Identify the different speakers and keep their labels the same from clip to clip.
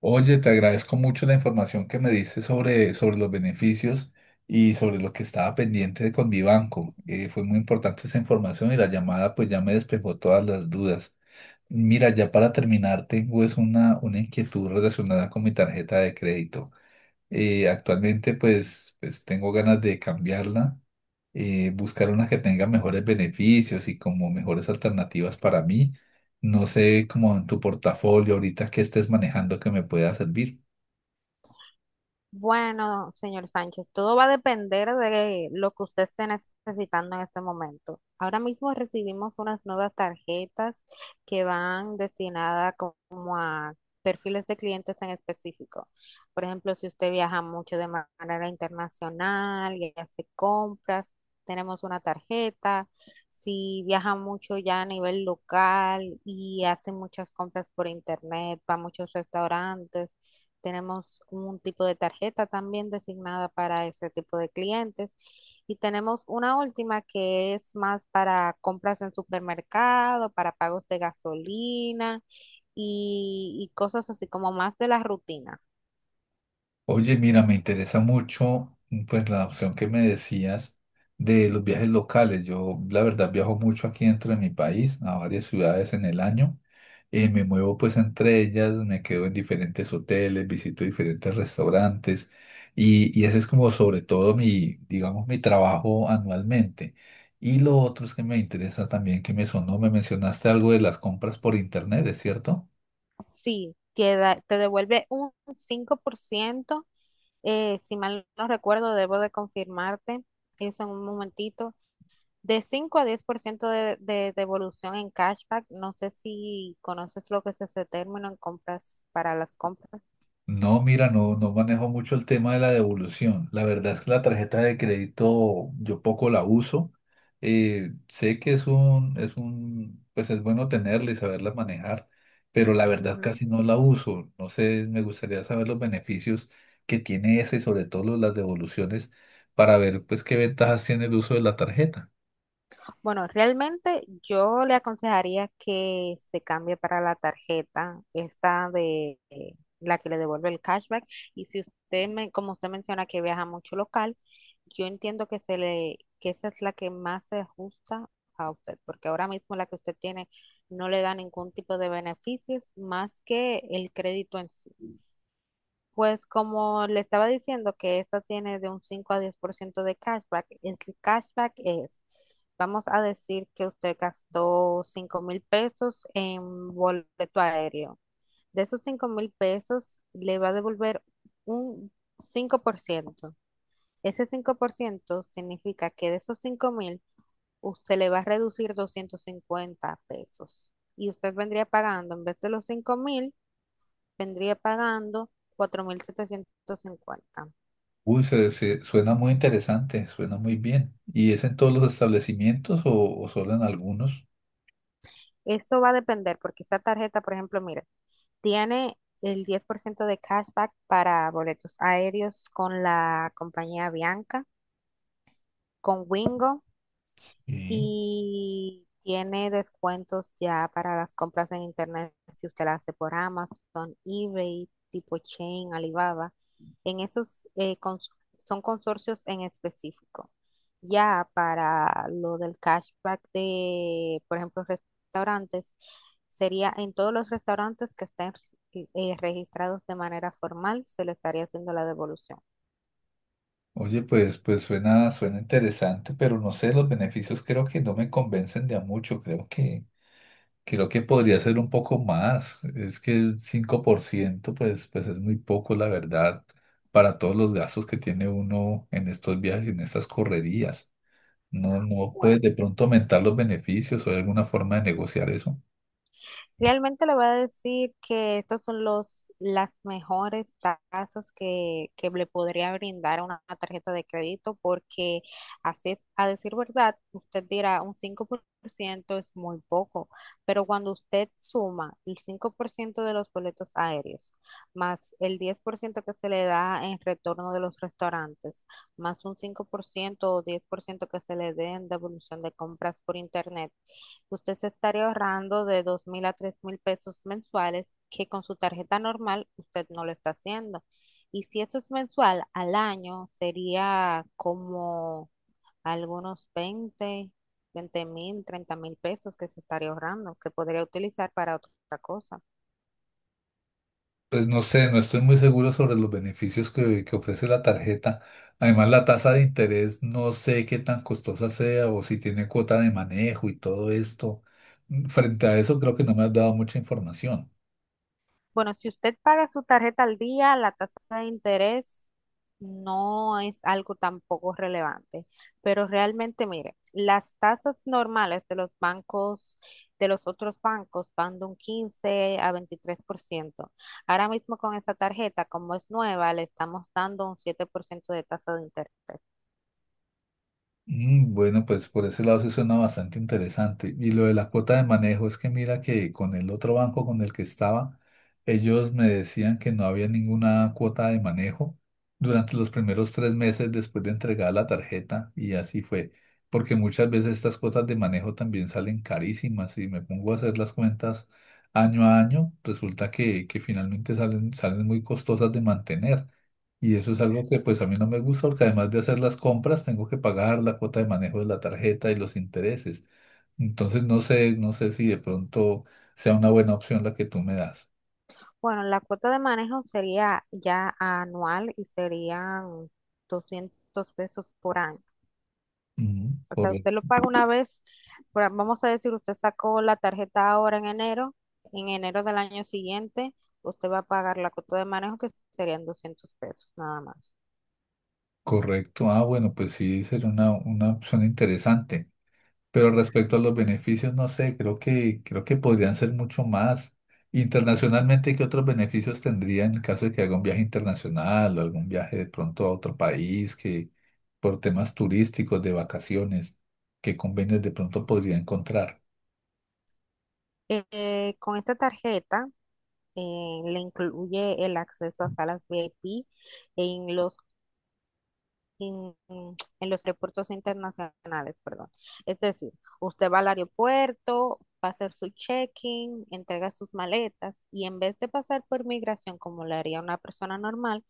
Speaker 1: Oye, te agradezco mucho la información que me diste sobre los beneficios y sobre lo que estaba pendiente de- con mi banco. Fue muy importante esa información y la llamada pues ya me despejó todas las dudas. Mira, ya para terminar, tengo es una inquietud relacionada con mi tarjeta de crédito. Actualmente pues tengo ganas de cambiarla, buscar una que tenga mejores beneficios y como mejores alternativas para mí. No sé, como en tu portafolio ahorita que estés manejando que me pueda servir.
Speaker 2: Bueno, señor Sánchez, todo va a depender de lo que usted esté necesitando en este momento. Ahora mismo recibimos unas nuevas tarjetas que van destinadas como a perfiles de clientes en específico. Por ejemplo, si usted viaja mucho de manera internacional y hace compras, tenemos una tarjeta. Si viaja mucho ya a nivel local y hace muchas compras por internet, va a muchos restaurantes, tenemos un tipo de tarjeta también designada para ese tipo de clientes. Y tenemos una última que es más para compras en supermercado, para pagos de gasolina y cosas así como más de la rutina.
Speaker 1: Oye, mira, me interesa mucho, pues la opción que me decías de los viajes locales. Yo la verdad viajo mucho aquí dentro de mi país, a varias ciudades en el año. Me muevo pues entre ellas, me quedo en diferentes hoteles, visito diferentes restaurantes y ese es como sobre todo mi, digamos, mi trabajo anualmente. Y lo otro es que me interesa también, que me sonó, me mencionaste algo de las compras por internet, ¿es cierto?
Speaker 2: Sí, te devuelve un 5%, si mal no recuerdo, debo de confirmarte eso en un momentito, de 5 a 10% de devolución en cashback. No sé si conoces lo que es ese término en compras para las compras.
Speaker 1: No, mira, no, no manejo mucho el tema de la devolución. La verdad es que la tarjeta de crédito yo poco la uso. Sé que es un, pues es bueno tenerla y saberla manejar, pero la verdad
Speaker 2: Ujú.
Speaker 1: casi no la uso. No sé, me gustaría saber los beneficios que tiene esa y sobre todo lo- las devoluciones para ver pues qué ventajas tiene el uso de la tarjeta.
Speaker 2: Bueno, realmente yo le aconsejaría que se cambie para la tarjeta, esta de la que le devuelve el cashback. Y si usted, me, como usted menciona que viaja mucho local, yo entiendo que, se le, que esa es la que más se ajusta a usted, porque ahora mismo la que usted tiene no le da ningún tipo de beneficios más que el crédito en sí. Pues como le estaba diciendo que esta tiene de un 5 a 10% de cashback, el cashback es, vamos a decir que usted gastó 5.000 pesos en boleto aéreo. De esos 5.000 pesos le va a devolver un 5%. Ese 5% significa que de esos 5 mil usted le va a reducir 250 pesos. Y usted vendría pagando en vez de los 5.000, vendría pagando 4.750.
Speaker 1: Uy, se- suena muy interesante, suena muy bien. ¿Y es en todos los establecimientos o solo en algunos?
Speaker 2: Eso va a depender porque esta tarjeta, por ejemplo, mira, tiene el 10% de cashback para boletos aéreos con la compañía Bianca, con Wingo.
Speaker 1: Sí.
Speaker 2: Y tiene descuentos ya para las compras en internet si usted las hace por Amazon, eBay, tipo Chain, Alibaba. En esos son consorcios en específico. Ya para lo del cashback de, por ejemplo, restaurantes, sería en todos los restaurantes que estén registrados de manera formal, se le estaría haciendo la devolución.
Speaker 1: Oye, pues, pues suena interesante, pero no sé, los beneficios creo que no me convencen de a mucho. Creo que podría ser un poco más. Es que el 5%, pues es muy poco, la verdad, para todos los gastos que tiene uno en estos viajes y en estas correrías. No, no puedes
Speaker 2: Bueno.
Speaker 1: de pronto aumentar los beneficios o hay alguna forma de negociar eso.
Speaker 2: Realmente le voy a decir que estos son los, las mejores tasas que le podría brindar a una tarjeta de crédito porque así, es- a decir verdad, usted dirá un cinco por ciento es muy poco, pero cuando usted suma el 5% de los boletos aéreos, más el 10% que se le da en retorno de los restaurantes, más un 5% o 10% que se le dé en devolución de compras por internet, usted se estaría ahorrando de 2.000 a 3.000 pesos mensuales que con su tarjeta normal usted no lo está haciendo. Y si eso es mensual al año, sería como algunos 20, 20.000, 30.000 pesos que se estaría ahorrando, que podría utilizar para otra cosa.
Speaker 1: Pues no sé, no estoy muy seguro sobre los beneficios que ofrece la tarjeta. Además, la tasa de interés no sé qué tan costosa sea o si tiene cuota de manejo y todo esto. Frente a eso, creo que no me has dado mucha información.
Speaker 2: Bueno, si usted paga su tarjeta al día, la tasa de interés no es algo tampoco relevante, pero realmente, mire, las tasas normales de los bancos, de los otros bancos, van de un 15 a 23%. Ahora mismo con esa tarjeta, como es nueva, le estamos dando un 7% de tasa de interés.
Speaker 1: Bueno, pues por ese lado se suena bastante interesante. Y lo de la cuota de manejo es que mira que con el otro banco con el que estaba, ellos me decían que no había ninguna cuota de manejo durante los primeros 3 meses después de entregar la tarjeta y así fue. Porque muchas veces estas cuotas de manejo también salen carísimas y me pongo a hacer las cuentas año a año, resulta que finalmente salen muy costosas de mantener. Y eso es algo que pues a mí no me gusta porque además de hacer las compras tengo que pagar la cuota de manejo de la tarjeta y los intereses. Entonces no sé, no sé si de pronto sea una buena opción la que tú me das.
Speaker 2: Bueno, la cuota de manejo sería ya anual y serían 200 pesos por año.
Speaker 1: Ujú,
Speaker 2: O
Speaker 1: corre-
Speaker 2: usted lo paga una vez, por vamos a decir, usted sacó la tarjeta ahora en enero del año siguiente, usted va a pagar la cuota de manejo que serían 200 pesos, nada más.
Speaker 1: correcto. Ah, bueno, pues sí, sería una opción interesante. Pero respecto a los beneficios, no sé, creo que podrían ser mucho más. Internacionalmente, ¿qué otros beneficios tendría en el caso de que haga un viaje internacional o algún viaje de pronto a otro país que por temas turísticos, de vacaciones, qué convenios de pronto podría encontrar?
Speaker 2: Con esta tarjeta le incluye el acceso a salas VIP en los, en, en los aeropuertos internacionales, perdón. Es decir, usted va al aeropuerto, va a hacer su check-in, entrega sus maletas y en vez de pasar por migración como lo haría una persona normal,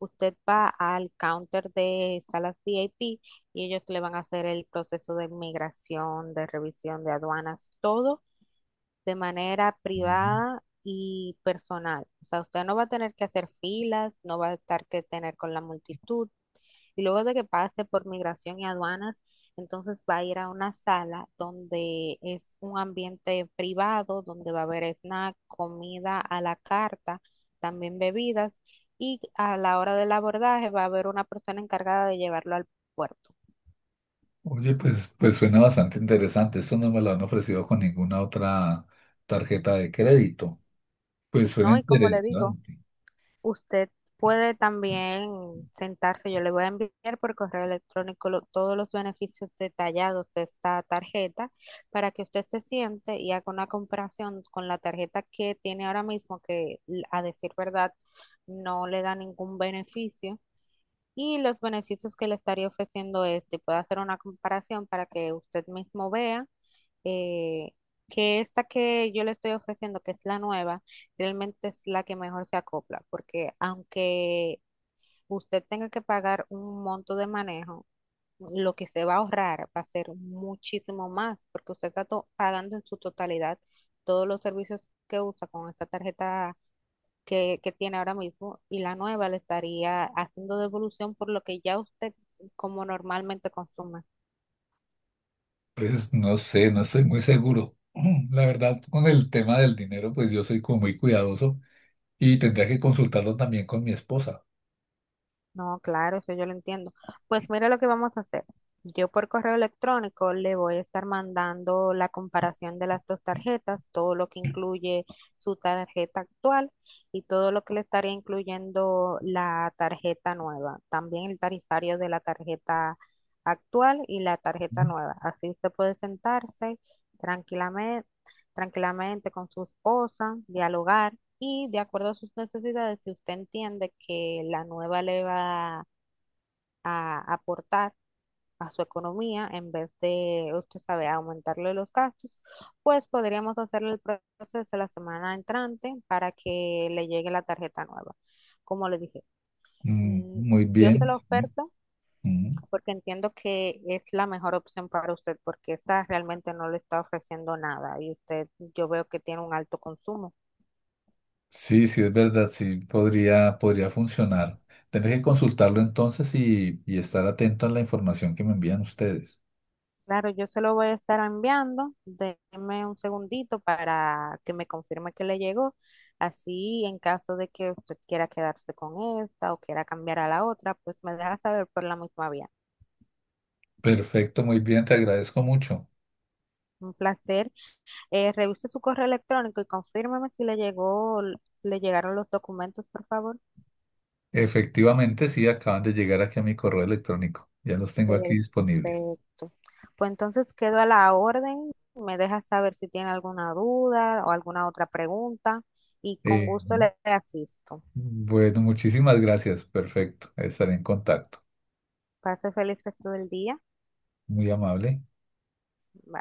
Speaker 2: usted va al counter de salas VIP y ellos le van a hacer el proceso de migración, de revisión de aduanas, todo de manera
Speaker 1: Mm.
Speaker 2: privada y personal. O sea, usted no va a tener que hacer filas, no va a estar que tener con la multitud. Y luego de que pase por migración y aduanas, entonces va a ir a una sala donde es un ambiente privado, donde va a haber snack, comida a la carta, también bebidas. Y a la hora del abordaje va a haber una persona encargada de llevarlo al puerto,
Speaker 1: Oye, pues, pues suena bastante interesante. Esto no me lo han ofrecido con ninguna otra tarjeta de crédito. Pues suena
Speaker 2: ¿no? Y como le digo,
Speaker 1: interesante.
Speaker 2: usted puede también sentarse, yo le voy a enviar por correo electrónico todos los beneficios detallados de esta tarjeta para que usted se siente y haga una comparación con la tarjeta que tiene ahora mismo, que a decir verdad no le da ningún beneficio. Y los beneficios que le estaría ofreciendo este, puede hacer una comparación para que usted mismo vea eh, que esta que yo le estoy ofreciendo, que es la nueva, realmente es la que mejor se acopla, porque aunque usted tenga que pagar un monto de manejo, lo que se va a ahorrar va a ser muchísimo más, porque usted está pagando en su totalidad todos los servicios que usa con esta tarjeta que tiene ahora mismo y la nueva le estaría haciendo devolución por lo que ya usted como normalmente consume.
Speaker 1: Pues no sé, no estoy muy seguro. La verdad, con el tema del dinero, pues yo soy como muy cuidadoso y tendría que consultarlo también con mi esposa.
Speaker 2: No, claro, eso yo lo entiendo. Pues mira lo que vamos a hacer. Yo por correo electrónico le voy a estar mandando la comparación de las dos tarjetas, todo lo que incluye su tarjeta actual y todo lo que le estaría incluyendo la tarjeta nueva. También el tarifario de la tarjeta actual y la tarjeta
Speaker 1: Ujú.
Speaker 2: nueva. Así usted puede sentarse tranquilamente, tranquilamente con su esposa, dialogar y de acuerdo a sus necesidades, si usted entiende que la nueva le va a aportar a su economía en vez de, usted sabe, aumentarle los gastos, pues podríamos hacerle el proceso la semana entrante para que le llegue la tarjeta nueva. Como le dije,
Speaker 1: Mm,
Speaker 2: mm,
Speaker 1: muy
Speaker 2: yo se
Speaker 1: bien.
Speaker 2: la oferto
Speaker 1: Ujú.
Speaker 2: porque entiendo que es la mejor opción para usted, porque esta realmente no le está ofreciendo nada y usted, yo veo que tiene un alto consumo.
Speaker 1: Sí, sí, es verdad, sí, podría, podría funcionar. Tendré que consultarlo entonces y estar atento a la información que me envían ustedes.
Speaker 2: Claro, yo se lo voy a estar enviando. Deme un segundito para que me confirme que le llegó. Así, en caso de que usted quiera quedarse con esta o quiera cambiar a la otra, pues me deja saber por la misma vía.
Speaker 1: Perfecto, muy bien, te agradezco mucho.
Speaker 2: Un placer. Revise su correo electrónico y confírmeme si le llegó, le llegaron los documentos, por favor.
Speaker 1: Efectivamente, sí, acaban de llegar aquí a mi correo electrónico. Ya los tengo aquí disponibles.
Speaker 2: Perfecto. Pues entonces quedo a la orden. Me deja saber si tiene alguna duda o alguna otra pregunta y con
Speaker 1: Eh,
Speaker 2: gusto le asisto.
Speaker 1: bueno, muchísimas gracias. Perfecto, estaré en contacto.
Speaker 2: Pase feliz resto del día.
Speaker 1: Muy amable.
Speaker 2: Bye.